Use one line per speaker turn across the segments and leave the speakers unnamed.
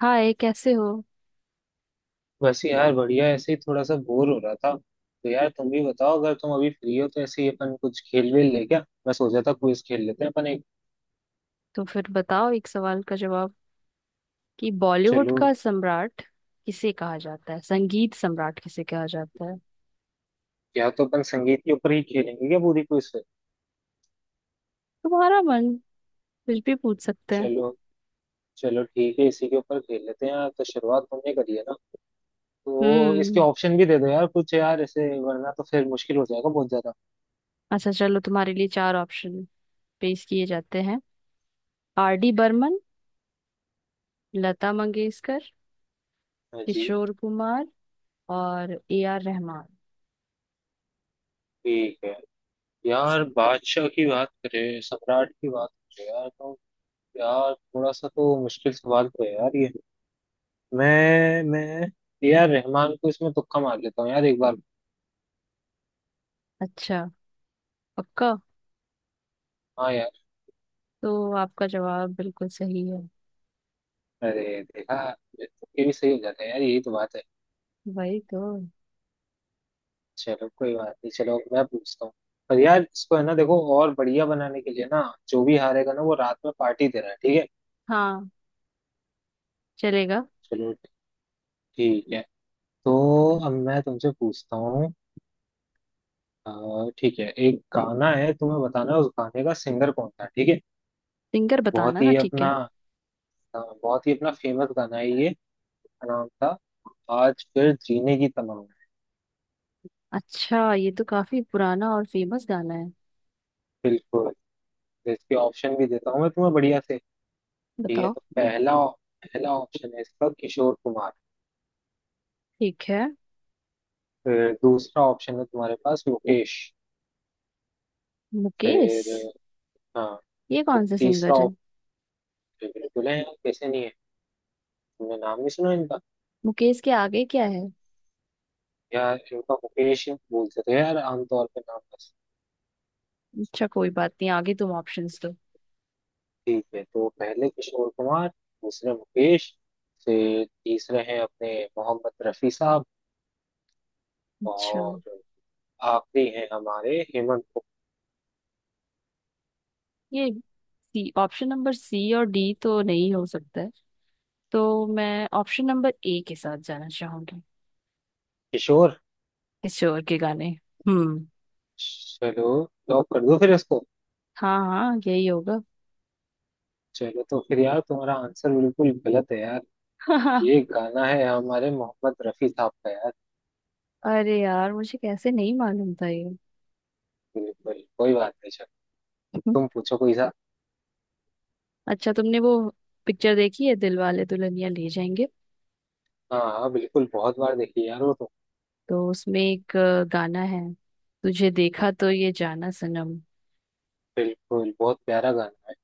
हाय, कैसे हो।
बस यार बढ़िया, ऐसे ही थोड़ा सा बोर हो रहा था। तो यार तुम भी बताओ, अगर तुम अभी फ्री हो तो ऐसे ही अपन कुछ खेल वेल ले क्या। मैं सोचा था क्विज खेल लेते हैं अपन एक।
तो फिर बताओ एक सवाल का जवाब कि बॉलीवुड
चलो।
का सम्राट किसे कहा जाता है, संगीत सम्राट किसे कहा जाता है।
या तो अपन संगीत के ऊपर ही खेलेंगे क्या पूरी क्विज?
तुम्हारा मन, कुछ भी पूछ सकते हैं।
चलो। चलो ठीक है, इसी के ऊपर खेल लेते हैं यार। तो शुरुआत तुमने करी है ना, तो इसके
हम्म।
ऑप्शन भी दे दो यार कुछ, यार ऐसे वरना तो फिर मुश्किल हो जाएगा बहुत ज्यादा।
अच्छा चलो, तुम्हारे लिए चार ऑप्शन पेश किए जाते हैं। आर डी बर्मन, लता मंगेशकर,
हाँ जी।
किशोर कुमार और ए आर रहमान।
ठीक है। यार बादशाह की बात करें, सम्राट की बात करें यार, तो यार थोड़ा सा तो मुश्किल सवाल तो है यार ये। मैं ए आर रहमान को इसमें तुक्का मार लेता हूँ यार एक बार।
अच्छा, पक्का।
हाँ यार।
तो आपका जवाब बिल्कुल सही है।
अरे देखा, ये तुक्के भी सही हो जाते हैं यार, यही तो बात है।
वही तो।
चलो कोई बात नहीं, चलो मैं पूछता हूँ। पर यार इसको है ना, देखो और बढ़िया बनाने के लिए ना, जो भी हारेगा ना वो रात में पार्टी दे रहा है, ठीक है।
हाँ, चलेगा।
चलो। ठीक है। तो अब मैं तुमसे पूछता हूँ। ठीक है, एक गाना है, तुम्हें बताना है उस गाने का सिंगर कौन था, ठीक है।
सिंगर
बहुत
बताना ना,
ही
ठीक
अपना
है।
बहुत ही अपना फेमस गाना है ये, का नाम था आज फिर जीने की तमन्ना।
अच्छा, ये तो काफी पुराना और फेमस गाना है।
बिल्कुल। तो इसके ऑप्शन भी देता हूँ मैं तुम्हें बढ़िया से। ठीक है,
बताओ।
तो पहला पहला ऑप्शन है इसका किशोर कुमार।
ठीक है।
फिर दूसरा ऑप्शन है तुम्हारे पास मुकेश।
मुकेश।
फिर, हाँ,
ये
फिर
कौन सा
तीसरा
सिंगर है।
ऑप्शन। बिल्कुल है यार, कैसे नहीं है, तुमने नाम नहीं सुना इनका।
मुकेश के आगे क्या है।
यार इनका मुकेश ही बोलते थे यार आमतौर पे नाम बस।
अच्छा, कोई बात नहीं, आगे तुम ऑप्शंस दो।
ठीक है, तो पहले किशोर कुमार, दूसरे मुकेश, फिर तीसरे हैं अपने मोहम्मद रफी साहब,
अच्छा,
और आखिरी हैं हमारे हेमंत
ये सी, ऑप्शन नंबर सी और डी तो नहीं हो सकता है, तो मैं ऑप्शन नंबर ए के साथ जाना चाहूंगी।
किशोर।
किशोर के गाने। हम्म।
चलो, लॉक कर दो फिर इसको।
हाँ हाँ, यही होगा।
चलो, तो फिर यार तुम्हारा आंसर बिल्कुल गलत है यार। ये गाना है हमारे मोहम्मद रफी साहब का यार।
अरे यार, मुझे कैसे नहीं मालूम था ये।
बिल्कुल, कोई बात नहीं, चलो तुम पूछो कोई सा।
अच्छा, तुमने वो पिक्चर देखी है, दिल वाले दुल्हनिया ले जाएंगे।
हाँ हाँ, बिल्कुल, बहुत बार देखी यार वो तो।
तो उसमें एक गाना है, तुझे देखा तो ये जाना सनम।
बिल्कुल, बहुत प्यारा गाना है।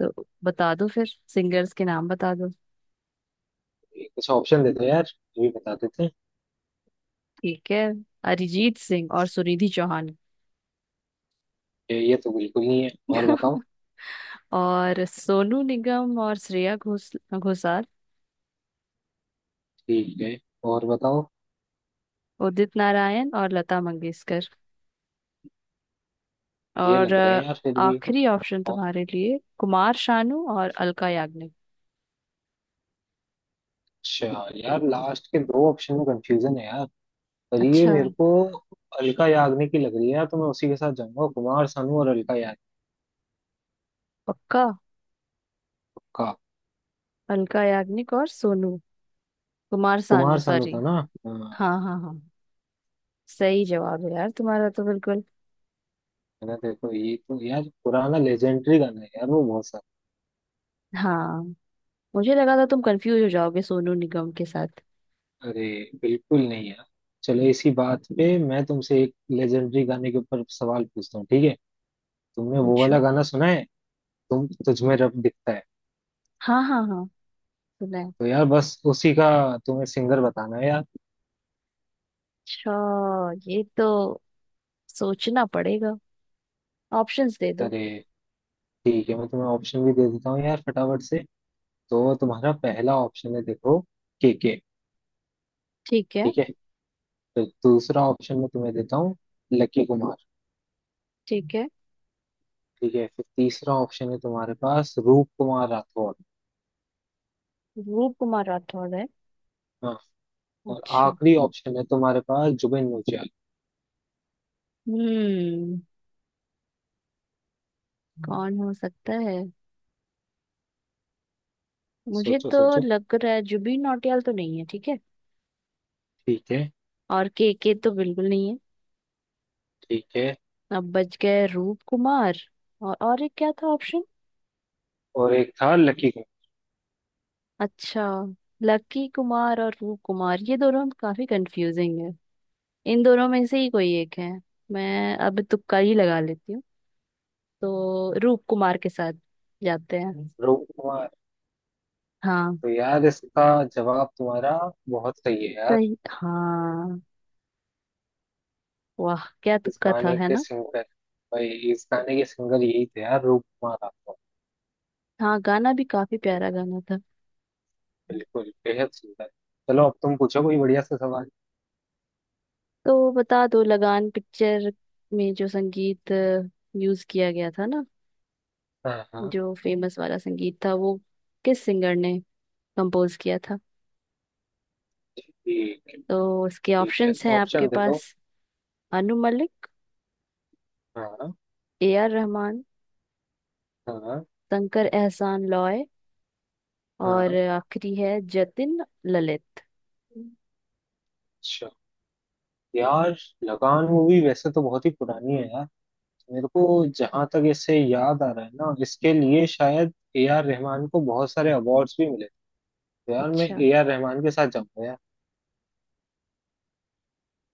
तो बता दो फिर, सिंगर्स के नाम बता दो।
ये कुछ ऑप्शन दे दो यार, ये भी बता देते हैं।
ठीक है। अरिजीत सिंह और सुनिधि चौहान।
ये तो बिल्कुल नहीं है। और बताओ।
और सोनू निगम और श्रेया घोषाल।
ठीक है, और बताओ।
उदित नारायण और लता मंगेशकर।
ये
और
लग रहे हैं यार फिर भी।
आखिरी ऑप्शन तुम्हारे लिए, कुमार शानू और अलका याग्निक।
अच्छा यार, लास्ट के दो ऑप्शन में कंफ्यूजन है यार, पर ये
अच्छा,
मेरे को अलका याग्निक की लग रही है यार, तो मैं उसी के साथ जाऊंगा, कुमार सानू और अलका याग्निक
पक्का।
का।
अलका याग्निक और सोनू, कुमार सानू,
कुमार सानू था
सॉरी।
ना? हाँ।
हाँ हाँ हाँ। सही जवाब है यार तुम्हारा तो बिल्कुल।
मैंने देखो, ये तो यार पुराना लेजेंडरी गाना है यार वो, बहुत सारा।
हाँ, मुझे लगा था तुम कंफ्यूज हो जाओगे सोनू निगम के साथ।
अरे बिल्कुल नहीं यार। चलो, इसी बात पे मैं तुमसे एक लेजेंडरी गाने के ऊपर सवाल पूछता हूँ ठीक है। तुमने वो
पूछो।
वाला गाना सुना है, तुम तुझ में रब दिखता है?
हाँ हाँ हाँ, सुना है।
तो यार बस उसी का तुम्हें सिंगर बताना है यार।
अच्छा, ये तो सोचना पड़ेगा। ऑप्शंस दे दो।
अरे ठीक है, मैं तुम्हें ऑप्शन भी दे देता हूँ यार फटाफट से। तो तुम्हारा पहला ऑप्शन है, देखो, के के।
ठीक है।
ठीक है। फिर दूसरा ऑप्शन में तुम्हें देता हूँ लकी कुमार।
ठीक है।
ठीक है, फिर तीसरा ऑप्शन है तुम्हारे पास रूप कुमार राठौड़।
रूप कुमार राठौर है।
हाँ। और
अच्छा।
आखिरी ऑप्शन है तुम्हारे पास जुबिन नौटियाल।
हम्म। कौन हो सकता है। मुझे
सोचो
तो
सोचो।
लग रहा है जुबिन नौटियाल तो नहीं है, ठीक है।
ठीक है।
और के तो बिल्कुल नहीं है।
ठीक है।
अब बच गए रूप कुमार। और एक क्या था ऑप्शन।
और एक था लकी कुमार।
अच्छा, लकी कुमार और रूप कुमार, ये दोनों काफी कंफ्यूजिंग है। इन दोनों में से ही कोई एक है। मैं अब तुक्का ही लगा लेती हूँ। तो रूप कुमार के साथ जाते हैं।
रूप कुमार।
हाँ।
तो यार इसका जवाब तुम्हारा बहुत सही है यार।
सही, हाँ। वाह, क्या
इस
तुक्का था,
गाने
है
के
ना।
सिंगर, भाई इस गाने के सिंगर यही थे यार, रूप कुमार राठौड़।
हाँ, गाना भी काफी प्यारा गाना था।
बिल्कुल, बेहद सुंदर। चलो अब तुम पूछो कोई बढ़िया सा सवाल।
तो बता दो, लगान पिक्चर में जो संगीत यूज किया गया था ना,
हाँ हाँ।
जो फेमस वाला संगीत था वो, किस सिंगर ने कंपोज किया था। तो इसके
ठीक है,
ऑप्शंस हैं आपके
ऑप्शन दे दो।
पास। अनु मलिक,
हाँ
ए आर रहमान,
हाँ
शंकर एहसान लॉय, और
हाँ।
आखिरी है जतिन ललित।
अच्छा यार, लगान मूवी वैसे तो बहुत ही पुरानी है यार। मेरे को जहां तक इसे याद आ रहा है ना, इसके लिए शायद ए आर रहमान को बहुत सारे अवार्ड्स भी मिले। तो यार मैं
अच्छा,
ए आर रहमान के साथ जाऊंगा यार।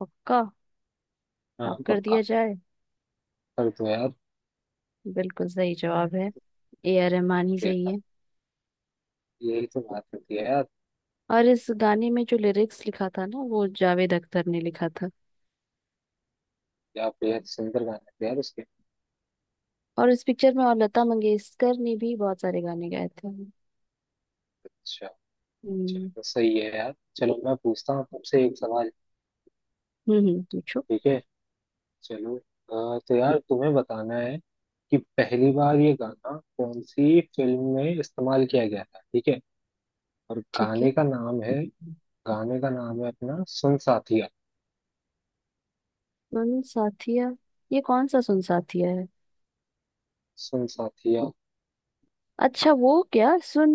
पक्का।
हाँ
लॉक कर दिया
पक्का।
जाए।
कर दो यार।
बिल्कुल सही जवाब है, ए आर रहमान ही सही
देखा,
है।
यही तो बात होती है यार।
और इस गाने में जो लिरिक्स लिखा था ना, वो जावेद अख्तर ने लिखा था।
क्या बेहद सुंदर गाने थे यार उसके।
और इस पिक्चर में और लता मंगेशकर ने भी बहुत सारे गाने गाए थे।
अच्छा।
हम्म।
चलो सही है यार, चलो मैं पूछता हूँ तुमसे एक सवाल।
पूछो।
ठीक है। चलो तो यार तुम्हें बताना है कि पहली बार ये गाना कौन सी फिल्म में इस्तेमाल किया गया था, ठीक है। और
ठीक है।
गाने का नाम है, गाने का नाम है अपना सुन साथिया।
सुन साथिया। ये कौन सा सुन साथिया है।
सुन साथिया,
अच्छा, वो क्या सुन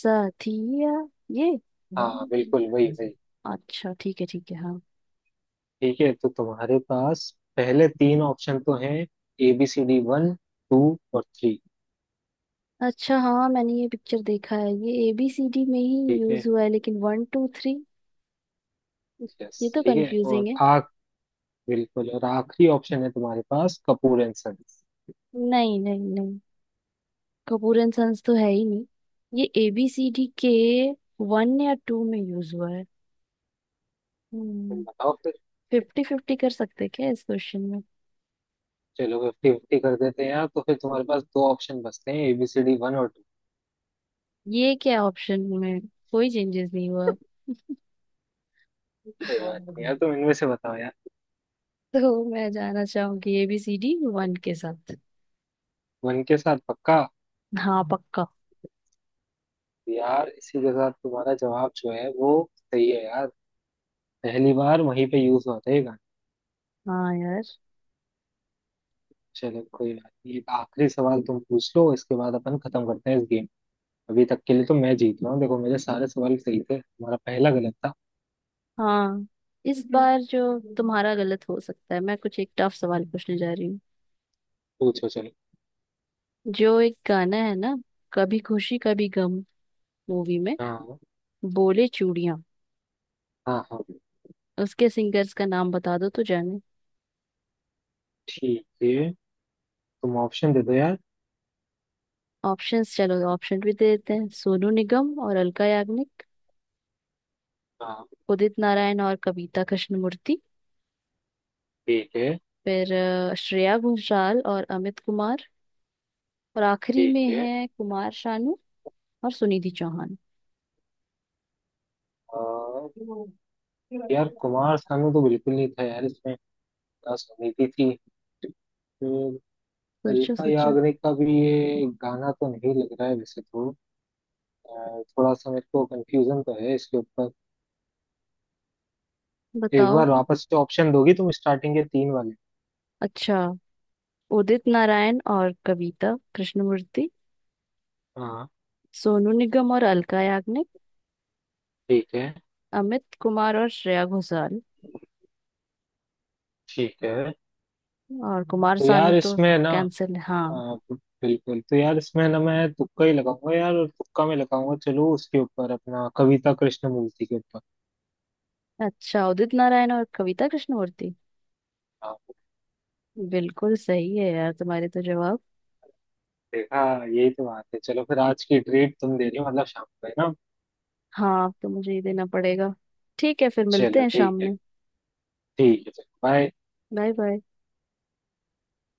साथिया ये।
हाँ बिल्कुल, वही वही।
अच्छा ठीक है, ठीक है, हाँ।
ठीक है, तो तुम्हारे पास पहले तीन ऑप्शन तो हैं, A B C D one, two और थ्री।
अच्छा हाँ, मैंने ये पिक्चर देखा है, ये एबीसीडी में ही
ठीक
यूज
है।
हुआ है, लेकिन वन टू थ्री,
यस।
ये तो
ठीक है, और
कंफ्यूजिंग है।
आख, बिल्कुल, और आखिरी ऑप्शन है तुम्हारे पास कपूर एंड सन्स।
नहीं नहीं नहीं, कपूर एंड सन्स तो है ही नहीं। ये एबीसीडी के वन या टू में यूज हुआ है।
तुम
हम्म।
बताओ।
फिफ्टी फिफ्टी कर सकते क्या इस क्वेश्चन में।
चलो फिफ्टी फिफ्टी कर देते हैं यार, तो फिर तुम्हारे पास दो ऑप्शन बचते हैं, एबीसीडी वन और टू।
ये क्या, ऑप्शन में कोई चेंजेस नहीं हुआ।
कोई बात नहीं यार, तुम इनमें से बताओ यार।
तो मैं जाना चाहूंगी एबीसीडी वन के साथ।
वन के साथ, पक्का?
हाँ, पक्का।
यार इसी के साथ तुम्हारा जवाब जो है वो सही है यार। पहली बार वहीं पे यूज होता है ये गाना।
हाँ यार।
चलो कोई बात नहीं, एक आखिरी सवाल तुम पूछ लो, इसके बाद अपन खत्म करते हैं इस गेम। अभी तक के लिए तो मैं जीत रहा हूँ, देखो मेरे सारे सवाल सही थे, तुम्हारा पहला गलत था।
हाँ, इस बार जो तुम्हारा गलत हो सकता है, मैं कुछ एक टफ सवाल पूछने जा रही हूँ।
पूछो चलो।
जो एक गाना है ना, कभी खुशी कभी गम मूवी में,
हाँ
बोले चूड़ियां,
हाँ हाँ।
उसके सिंगर्स का नाम बता दो तो जाने।
ठीक है, तुम ऑप्शन दे दो यार।
ऑप्शंस, चलो ऑप्शन भी दे देते हैं। सोनू निगम और अलका याग्निक।
हाँ।
उदित नारायण और कविता कृष्णमूर्ति।
ठीक है।
फिर श्रेया घोषाल और अमित कुमार। और आखिरी
ठीक
में
है।
है कुमार शानू और सुनिधि चौहान।
आ, यार कुमार सानू तो बिल्कुल नहीं था यार इसमें, उदास समिति थी फिर।
सोचो
अलीका
सोचो।
याग्निक का भी ये गाना तो नहीं लग रहा है वैसे तो। थोड़ा सा मेरे को कंफ्यूजन तो है इसके ऊपर। एक
बताओ।
बार वापस से ऑप्शन दोगी तुम स्टार्टिंग के तीन वाले?
अच्छा, उदित नारायण और कविता कृष्णमूर्ति।
हाँ।
सोनू निगम और अलका याग्निक।
ठीक है।
अमित कुमार और श्रेया घोषाल।
ठीक है।
और कुमार
तो
सानू
यार
तो
इसमें ना,
कैंसिल है, हाँ।
अ, बिल्कुल। तो यार इसमें ना, मैं तुक्का ही लगाऊंगा यार, और तुक्का में लगाऊंगा, चलो उसके ऊपर अपना कविता कृष्णमूर्ति के ऊपर।
अच्छा, उदित नारायण और कविता कृष्णमूर्ति।
हाँ।
बिल्कुल सही है यार तुम्हारे तो जवाब।
देखा, यही तो बात है। चलो फिर आज की ट्रीट तुम दे रही हो मतलब, शाम को है ना।
हाँ, अब तो मुझे ही देना पड़ेगा। ठीक है, फिर मिलते
चलो
हैं शाम
ठीक है।
में।
ठीक है, बाय।
Bye bye.